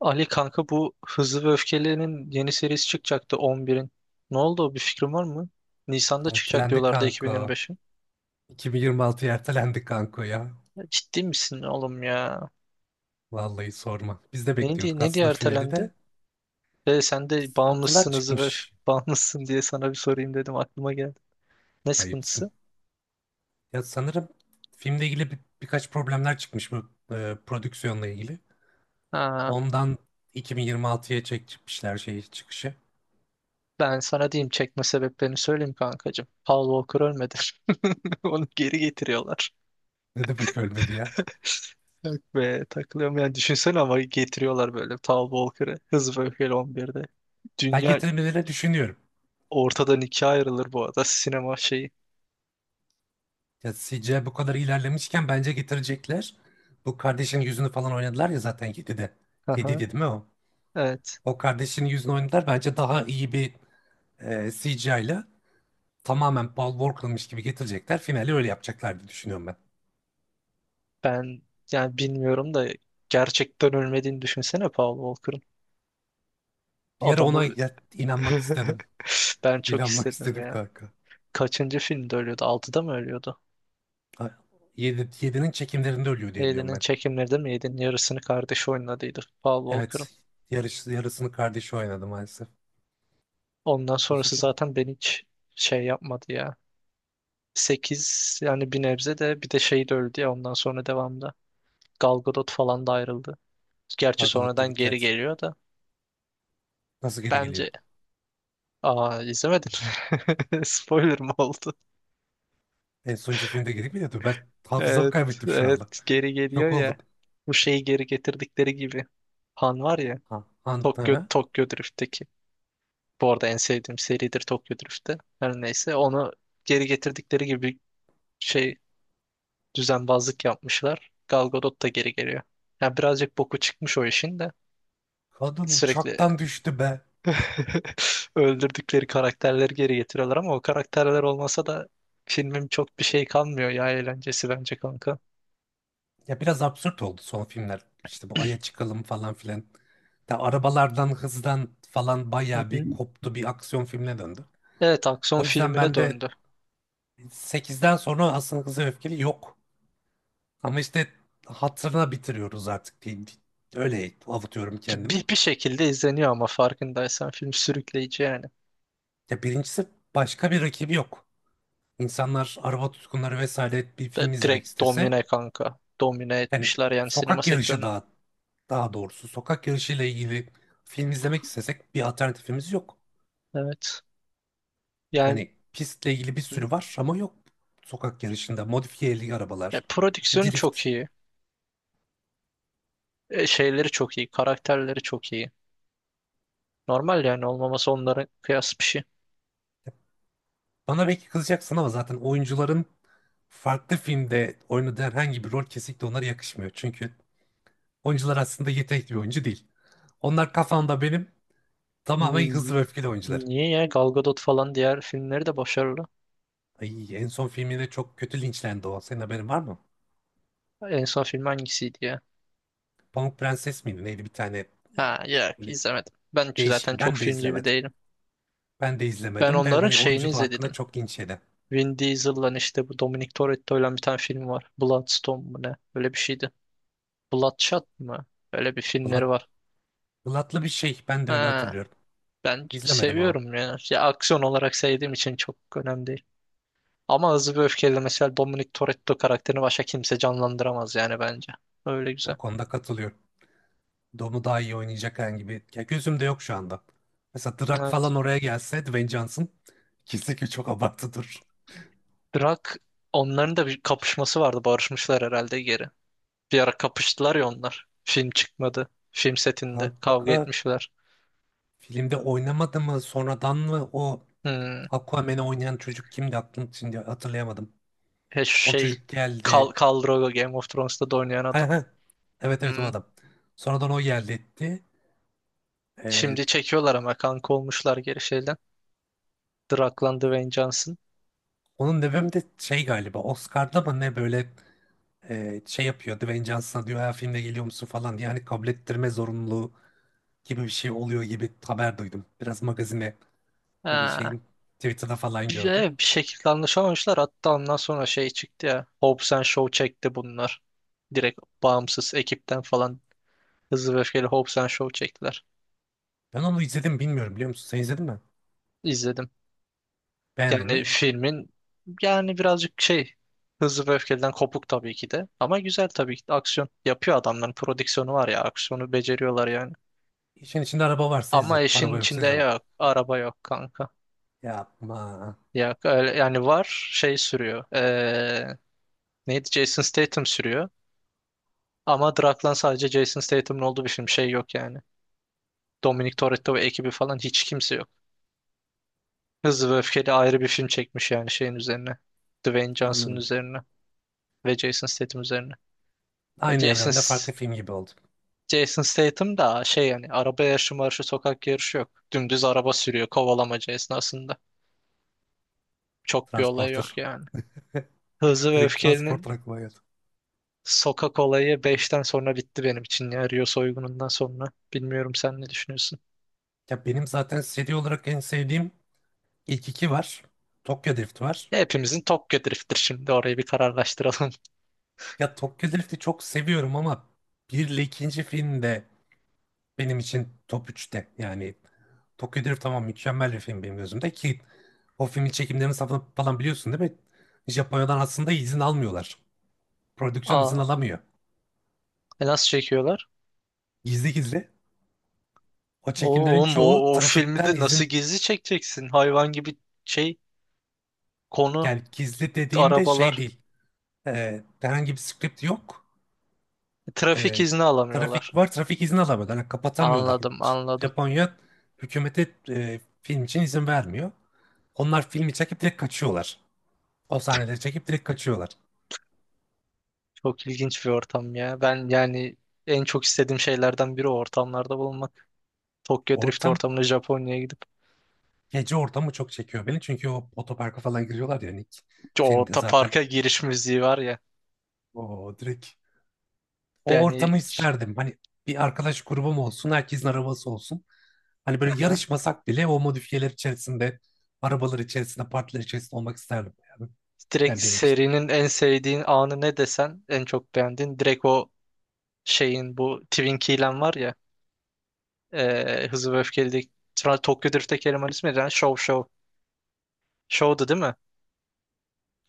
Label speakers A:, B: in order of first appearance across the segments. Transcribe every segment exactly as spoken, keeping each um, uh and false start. A: Ali kanka, bu Hızlı ve Öfkeli'nin yeni serisi çıkacaktı on birin. Ne oldu? Bir fikrin var mı? Nisan'da çıkacak
B: Ertelendi
A: diyorlardı
B: kanka.
A: iki bin yirmi beşin.
B: iki bin yirmi altıya ertelendi kanka ya.
A: Ya, ciddi misin oğlum ya?
B: Vallahi sorma. Biz de
A: Neydi,
B: bekliyorduk
A: ne diye
B: aslında finali
A: ertelendi?
B: de.
A: Ve sen de
B: Sıkıntılar
A: bağımlısınız ve öf-
B: çıkmış.
A: bağımlısın diye sana bir sorayım dedim, aklıma geldi. Ne
B: Ayıpsın.
A: sıkıntısı?
B: Ya sanırım filmle ilgili bir- birkaç problemler çıkmış bu e, prodüksiyonla ilgili.
A: Ha,
B: Ondan iki bin yirmi altıya çekmişler şeyi çıkışı.
A: ben sana diyeyim, çekme sebeplerini söyleyeyim kankacığım. Paul Walker ölmedi. Onu geri getiriyorlar.
B: Ne demek ölmedi ya?
A: Ve takılıyorum yani, düşünsene, ama getiriyorlar böyle Paul Walker'ı Hızlı ve Öfkeli on birde.
B: Ben
A: Dünya
B: getirmelerini düşünüyorum.
A: Ortadan ikiye ayrılır bu arada sinema şeyi.
B: Ya C G I bu kadar ilerlemişken bence getirecekler. Bu kardeşin yüzünü falan oynadılar ya zaten yedide. yedide
A: Aha,
B: değil mi o?
A: evet.
B: O kardeşin yüzünü oynadılar. Bence daha iyi bir e, C G I ile tamamen Paul Walker'mış gibi getirecekler. Finali öyle yapacaklar diye düşünüyorum ben.
A: Ben yani bilmiyorum da, gerçekten ölmediğini düşünsene Paul Walker'ın.
B: Bir ara ona
A: Adamı
B: ya- inanmak istedim.
A: ben çok
B: İnanmak
A: istedim
B: istedim
A: ya.
B: kanka.
A: Kaçıncı filmde ölüyordu? Altıda mı ölüyordu?
B: yedi yedinin çekimlerinde ölüyor diye biliyorum
A: Yedi'nin
B: ben.
A: çekimleri de mi? Yedi'nin yarısını kardeşi oynadıydı Paul Walker'ın.
B: Evet. Yarış, yarısını kardeşi oynadı maalesef.
A: Ondan sonrası
B: Üzücü.
A: zaten ben hiç şey yapmadı ya. Sekiz yani bir nebze, de bir de şey de öldü ya ondan sonra devamda. Gal Gadot falan da ayrıldı. Gerçi
B: Gal Gadot'ta
A: sonradan
B: gitti,
A: geri
B: evet.
A: geliyor da.
B: Nasıl geri geliyor?
A: Bence Aa, izlemedin. Spoiler mı oldu?
B: En sonuncu filmde geri mi? Ben hafızamı
A: Evet,
B: kaybettim şu anda.
A: evet geri geliyor
B: Şok
A: ya.
B: oldum.
A: Bu şeyi geri getirdikleri gibi. Han var ya.
B: Ha,
A: Tokyo,
B: Anta,
A: Tokyo Drift'teki. Bu arada en sevdiğim seridir Tokyo Drift'te. Her neyse, onu geri getirdikleri gibi şey, düzenbazlık yapmışlar. Gal Gadot da geri geliyor. Yani birazcık boku çıkmış o işin de.
B: kadın
A: Sürekli
B: uçaktan düştü be.
A: öldürdükleri karakterleri geri getiriyorlar ama o karakterler olmasa da filmin çok bir şey kalmıyor ya, eğlencesi bence kanka.
B: Ya biraz absürt oldu son filmler. İşte bu
A: Hı
B: Ay'a çıkalım falan filan. Da arabalardan, hızdan falan bayağı bir
A: hı.
B: koptu, bir aksiyon filmine döndü.
A: Evet, aksiyon
B: O yüzden
A: filmine
B: ben de
A: döndü.
B: sekizden sonra aslında Hızlı ve Öfkeli yok. Ama işte hatırına bitiriyoruz artık diyeyim. Öyle avutuyorum
A: Ki
B: kendimi.
A: Bir, bir şekilde izleniyor ama farkındaysan film sürükleyici yani.
B: Ya birincisi başka bir rakibi yok. İnsanlar, araba tutkunları vesaire, bir film
A: De-
B: izlemek
A: direkt
B: istese,
A: domine kanka. Domine
B: yani
A: etmişler yani sinema
B: sokak yarışı
A: sektörünü.
B: daha daha doğrusu sokak yarışıyla ilgili film izlemek istesek bir alternatifimiz yok.
A: Evet. Yani
B: Hani pistle ilgili bir sürü var ama yok, sokak yarışında modifiyeli
A: e,
B: arabalar,
A: prodüksiyonu çok
B: drift.
A: iyi. E, şeyleri çok iyi. Karakterleri çok iyi. Normal yani olmaması onların, kıyas bir şey.
B: Bana belki kızacaksın ama zaten oyuncuların farklı filmde oynadığı herhangi bir rol kesinlikle onlara yakışmıyor. Çünkü oyuncular aslında yetenekli bir oyuncu değil. Onlar kafamda benim
A: Ni-
B: tamamen hızlı ve öfkeli oyuncular.
A: Niye ya? Gal Gadot falan diğer filmleri de başarılı.
B: Ay, en son filminde çok kötü linçlendi o. Senin haberin var mı?
A: En son film hangisiydi ya?
B: Pamuk Prenses miydi? Neydi bir tane
A: Ha, yok,
B: böyle
A: izlemedim. Ben
B: değişik.
A: zaten çok
B: Ben de
A: filmci bir
B: izlemedim.
A: değilim.
B: Ben de
A: Ben
B: izlemedim de
A: onların
B: hani
A: şeyini
B: oyunculuğu hakkında
A: izledim.
B: çok linç yedi.
A: Vin Diesel'la işte, bu Dominic Toretto'yla bir tane film var. Bloodstone mu ne? Öyle bir şeydi. Bloodshot mı? Öyle bir filmleri
B: Valla
A: var.
B: Ilıtlı bir şey. Ben de öyle
A: Ha,
B: hatırlıyorum.
A: ben
B: İzlemedim ama.
A: seviyorum ya. Ya, aksiyon olarak sevdiğim için çok önemli değil. Ama Hızlı ve Öfkeli mesela, Dominic Toretto karakterini başka kimse canlandıramaz yani bence. Öyle güzel.
B: O konuda katılıyorum. Dom'u daha iyi oynayacak herhangi bir... Ya gözümde yok şu anda. Mesela Drak
A: Evet.
B: falan oraya gelse, Dwayne Johnson. İkisi ki çok abartıdır.
A: Drak, onların da bir kapışması vardı. Barışmışlar herhalde geri. Bir ara kapıştılar ya onlar. Film çıkmadı. Film setinde kavga
B: Kanka,
A: etmişler.
B: filmde oynamadı mı sonradan mı o
A: Hmm.
B: Aquaman'ı oynayan çocuk? Kimdi, aklım şimdi hatırlayamadım.
A: He, şu
B: O
A: şey,
B: çocuk
A: Khal,
B: geldi.
A: Khal Drogo, Game of Thrones'ta da oynayan
B: He
A: adam.
B: he. Evet, evet, o
A: Hmm.
B: adam. Sonradan o geldi etti. Ee,
A: Şimdi çekiyorlar ama kanka, olmuşlar geri şeyden. Draklan Dwayne Johnson.
B: Onun nedeni de şey galiba, Oscar'da mı ne, böyle e, şey yapıyor Dwayne Johnson'a, diyor ha filmde geliyor musun falan diye, hani kabul ettirme zorunluluğu gibi bir şey oluyor gibi haber duydum. Biraz magazine böyle
A: Ha.
B: şeyin Twitter'da falan
A: Bir,
B: gördüm.
A: e, bir şekilde anlaşamamışlar. Hatta ondan sonra şey çıktı ya. Hobbs and Shaw çekti bunlar. Direkt bağımsız ekipten falan Hızlı ve Öfkeli, Hobbs and Shaw çektiler.
B: Ben onu izledim, bilmiyorum biliyor musun? Sen izledin mi?
A: İzledim.
B: Beğendin mi?
A: Yani filmin, yani birazcık şey, Hızlı ve Öfkeli'den kopuk tabii ki de. Ama güzel tabii ki de. Aksiyon yapıyor adamların, prodüksiyonu var ya. Aksiyonu beceriyorlar yani.
B: İşin içinde araba varsa
A: Ama
B: izlerim.
A: işin
B: Araba yoksa
A: içinde
B: izlemem.
A: yok. Araba yok kanka.
B: Yapma.
A: Yok öyle yani, var şey sürüyor. Ee, neydi? Jason Statham sürüyor. Ama Draklan sadece Jason Statham'ın olduğu bir film. Şey yok yani. Dominic Toretto ve ekibi falan hiç kimse yok. Hızlı ve Öfkeli ayrı bir film çekmiş yani şeyin üzerine. Dwayne Johnson'ın
B: Anladım.
A: üzerine ve Jason Statham üzerine. E,
B: Aynı
A: Jason
B: evrende
A: S-
B: farklı film gibi oldu.
A: Jason Statham da şey yani, araba yarışı marşı sokak yarışı yok. Dümdüz araba sürüyor kovalamaca esnasında. Çok bir olay
B: Transporter.
A: yok yani. Hızlı ve
B: Direkt
A: Öfkeli'nin
B: Transporter aklıma geldi.
A: sokak olayı beşten sonra bitti benim için ya, Rio soygunundan sonra. Bilmiyorum, sen ne düşünüyorsun?
B: Ya benim zaten seri olarak en sevdiğim ilk iki var. Tokyo Drift var.
A: Ya, hepimizin Tokyo Drift'tir şimdi, orayı bir kararlaştıralım.
B: Ya Tokyo Drift'i çok seviyorum ama bir ile ikinci film de benim için top üçte. Yani Tokyo Drift tamam, mükemmel bir film benim gözümde, ki o filmin çekimlerini, safını falan biliyorsun değil mi? Japonya'dan aslında izin almıyorlar. Prodüksiyon izin
A: Aa,
B: alamıyor.
A: e nasıl çekiyorlar?
B: Gizli gizli. O çekimlerin
A: Oğlum
B: çoğu
A: o, o filmi
B: trafikten
A: de nasıl
B: izin,
A: gizli çekeceksin? Hayvan gibi şey, konu
B: yani gizli dediğimde şey
A: arabalar.
B: değil. Ee, herhangi bir script yok.
A: E, Trafik
B: e,
A: izni
B: Trafik
A: alamıyorlar.
B: var. Trafik izni alamıyorlar. Yani kapatamıyorlar.
A: Anladım, anladım.
B: Japonya hükümete e, film için izin vermiyor. Onlar filmi çekip direkt kaçıyorlar. O sahneleri çekip direkt kaçıyorlar.
A: Çok ilginç bir ortam ya. Ben yani en çok istediğim şeylerden biri o ortamlarda bulunmak. Tokyo Drift
B: Ortam,
A: ortamına, Japonya'ya gidip,
B: Gece ortamı çok çekiyor beni. Çünkü o otoparka falan giriyorlar ya, hani ilk
A: o
B: filmde
A: ta
B: zaten
A: parka giriş müziği var ya.
B: o direkt o
A: Yani.
B: ortamı isterdim. Hani bir arkadaş grubum olsun, herkesin arabası olsun. Hani böyle
A: Aha.
B: yarışmasak bile o modifiyeler içerisinde, arabalar içerisinde, partiler içerisinde olmak isterdim yani.
A: Direkt
B: Yani benim için.
A: serinin en sevdiğin anı ne desen, en çok beğendiğin direkt o şeyin, bu Twin Key'len var ya, eee Hızlı ve Öfkeli'deki, sonra Tokyo Drift'teki elemanın ismi neydi lan? Show Show. Show'du değil mi?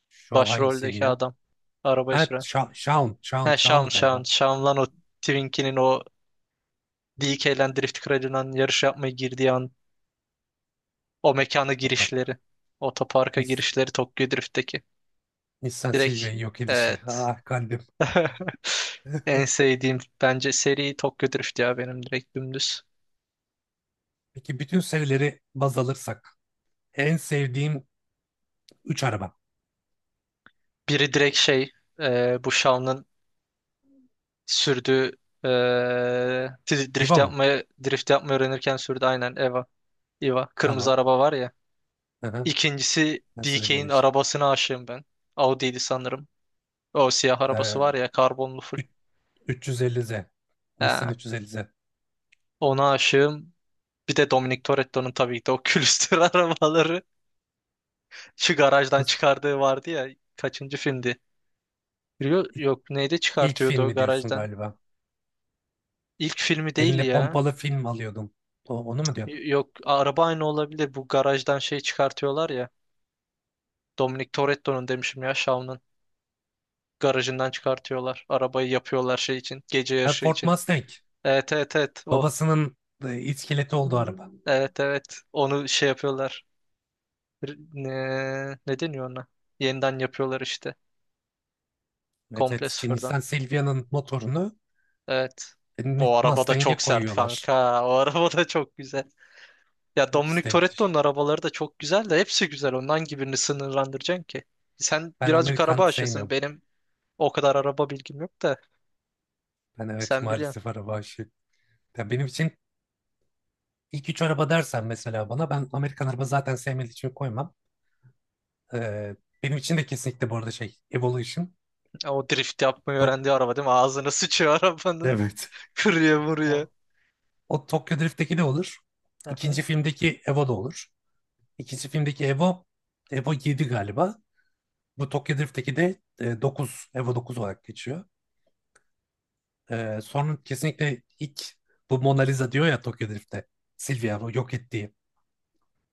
B: Şov hangisiydi
A: Başroldeki
B: ya?
A: adam. Arabayı
B: Ha,
A: süren.
B: Sha- Shaun. Shaun.
A: He, Shawn
B: Shaun'du
A: Shawn.
B: galiba.
A: Shawn lan o, Twin Key'nin o D K'len Drift Kralından yarış yapmaya girdiği an, o mekana
B: Otopark.
A: girişleri. Otoparka
B: Nis
A: girişleri Tokyo Drift'teki.
B: Nissan
A: Direkt,
B: Silvia'yı yok edişi.
A: evet.
B: Ah kalbim.
A: En sevdiğim bence seri Tokyo Drift ya, benim direkt dümdüz.
B: Peki bütün serileri baz alırsak. En sevdiğim üç araba.
A: Biri direkt şey, e, bu Shaun'ın sürdüğü, e, dri- drift
B: Eva mı?
A: yapmayı drift yapmayı öğrenirken sürdü, aynen, Eva. Eva kırmızı
B: Tamam.
A: araba var ya.
B: Hı hı.
A: İkincisi
B: Nasıl Eva'lı
A: D K'nin
B: işte.
A: arabasına aşığım ben. Audi'ydi sanırım. O siyah arabası
B: Ee,
A: var ya, karbonlu full.
B: üç- 350Z. Nissan
A: Ha,
B: üç yüz elli Z.
A: ona aşığım. Bir de Dominic Toretto'nun tabii ki de o külüstür arabaları, şu garajdan
B: Nasıl-
A: çıkardığı vardı ya, kaçıncı filmdi? Rio,
B: İlk,
A: yok neydi,
B: ilk
A: çıkartıyordu o
B: filmi diyorsun
A: garajdan?
B: galiba.
A: İlk filmi değil
B: Eline
A: ya.
B: pompalı film alıyordum. O- onu mu diyor?
A: Y- Yok, araba aynı olabilir. Bu garajdan şey çıkartıyorlar ya. Dominic Toretto'nun demişim ya, Shaun'un garajından çıkartıyorlar. Arabayı yapıyorlar şey için, gece
B: Ha,
A: yarışı
B: Ford
A: için.
B: Mustang.
A: Evet, evet, evet, o.
B: Babasının e, iskeleti olduğu araba.
A: Evet, evet. Onu şey yapıyorlar. R- Ne, ne deniyor ona? Yeniden yapıyorlar işte.
B: Evet, evet.
A: Komple
B: Şey,
A: sıfırdan.
B: Nissan Silvia'nın motorunu
A: Evet.
B: e, Ni-
A: O araba da çok
B: Mustang'e
A: sert
B: koyuyorlar.
A: kanka. O araba da çok güzel. Ya,
B: İkisi
A: Dominic
B: de
A: Toretto'nun
B: müthiş.
A: arabaları da çok güzel de, hepsi güzel. Ondan gibi birini sınırlandıracaksın ki? Sen
B: Ben
A: birazcık
B: Amerikan
A: araba aşasın.
B: sevmiyorum.
A: Benim o kadar araba bilgim yok da
B: Ben evet,
A: sen
B: maalesef
A: biliyorsun.
B: araba aşığı. Ya benim için ilk üç araba dersen mesela bana, ben Amerikan araba zaten sevmediğim için koymam. Ee, Benim için de kesinlikle bu arada şey, Evolution.
A: O drift yapmayı
B: Tok
A: öğrendiği araba değil mi? Ağzına sıçıyor arabanın.
B: evet.
A: Kırıyor, vuruyor.
B: O, o Tokyo Drift'teki de olur.
A: Aha.
B: İkinci filmdeki Evo da olur. İkinci filmdeki Evo, Evo yedi galiba. Bu Tokyo Drift'teki de e, dokuz, Evo dokuz olarak geçiyor. Ee, sonra kesinlikle ilk bu Mona Lisa diyor ya Tokyo Drift'te. Silvia bu yok ettiği.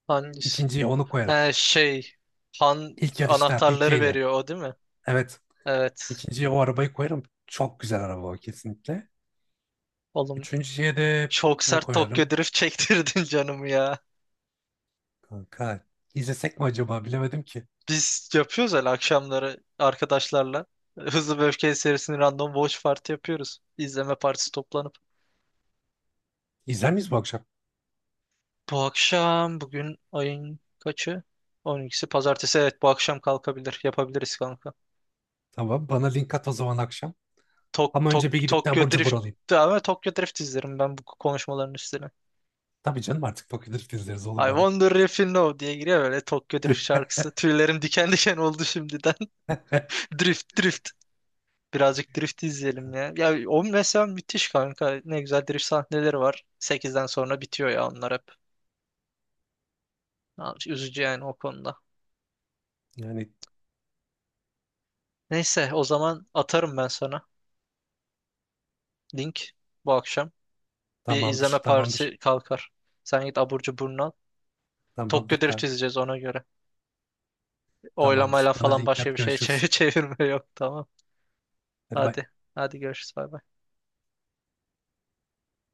A: Hangisi?
B: İkinciyi onu koyarım.
A: He şey. Han
B: İlk yarışta D K
A: anahtarları
B: ile.
A: veriyor, o değil mi?
B: Evet.
A: Evet.
B: ikinciye o arabayı koyarım. Çok güzel araba o kesinlikle.
A: Oğlum
B: Üçüncüye de
A: çok
B: ne
A: sert Tokyo
B: koyarım?
A: Drift çektirdin canımı ya.
B: Kanka izlesek mi acaba, bilemedim ki.
A: Biz yapıyoruz öyle akşamları arkadaşlarla. Hızlı ve Öfkeli serisinin random watch party yapıyoruz. İzleme partisi, toplanıp.
B: İzler miyiz bu akşam?
A: Bu akşam, bugün ayın kaçı? On ikisi, pazartesi, evet, bu akşam kalkabilir. Yapabiliriz kanka.
B: Tamam, bana link at o zaman akşam.
A: Tok,
B: Ama
A: tok,
B: önce bir gidip de
A: Tokyo
B: abur cubur
A: Drift,
B: alayım.
A: ama Tokyo Drift izlerim ben bu konuşmaların üstüne.
B: Tabii canım, artık Tokyo Drift izleriz, olur
A: I
B: bana.
A: wonder if you know diye giriyor böyle Tokyo Drift şarkısı. Tüylerim diken diken oldu şimdiden. Drift drift. Birazcık drift izleyelim ya. Ya, o mesela müthiş kanka. Ne güzel drift sahneleri var. Sekizden sonra bitiyor ya, onlar hep. Ya, üzücü yani o konuda.
B: Yani
A: Neyse, o zaman atarım ben sana link bu akşam. Bir
B: tamamdır,
A: izleme
B: tamamdır.
A: partisi kalkar. Sen git abur cuburunu al.
B: Tamamdır
A: Tokyo Drift
B: kanka.
A: izleyeceğiz ona göre.
B: Tamamdır.
A: Oylamayla
B: Bana
A: falan
B: link
A: başka bir
B: at,
A: şey
B: görüşürüz.
A: çevir- çevirme yok, tamam.
B: Hadi bay.
A: Hadi. Hadi, görüşürüz, bay bay.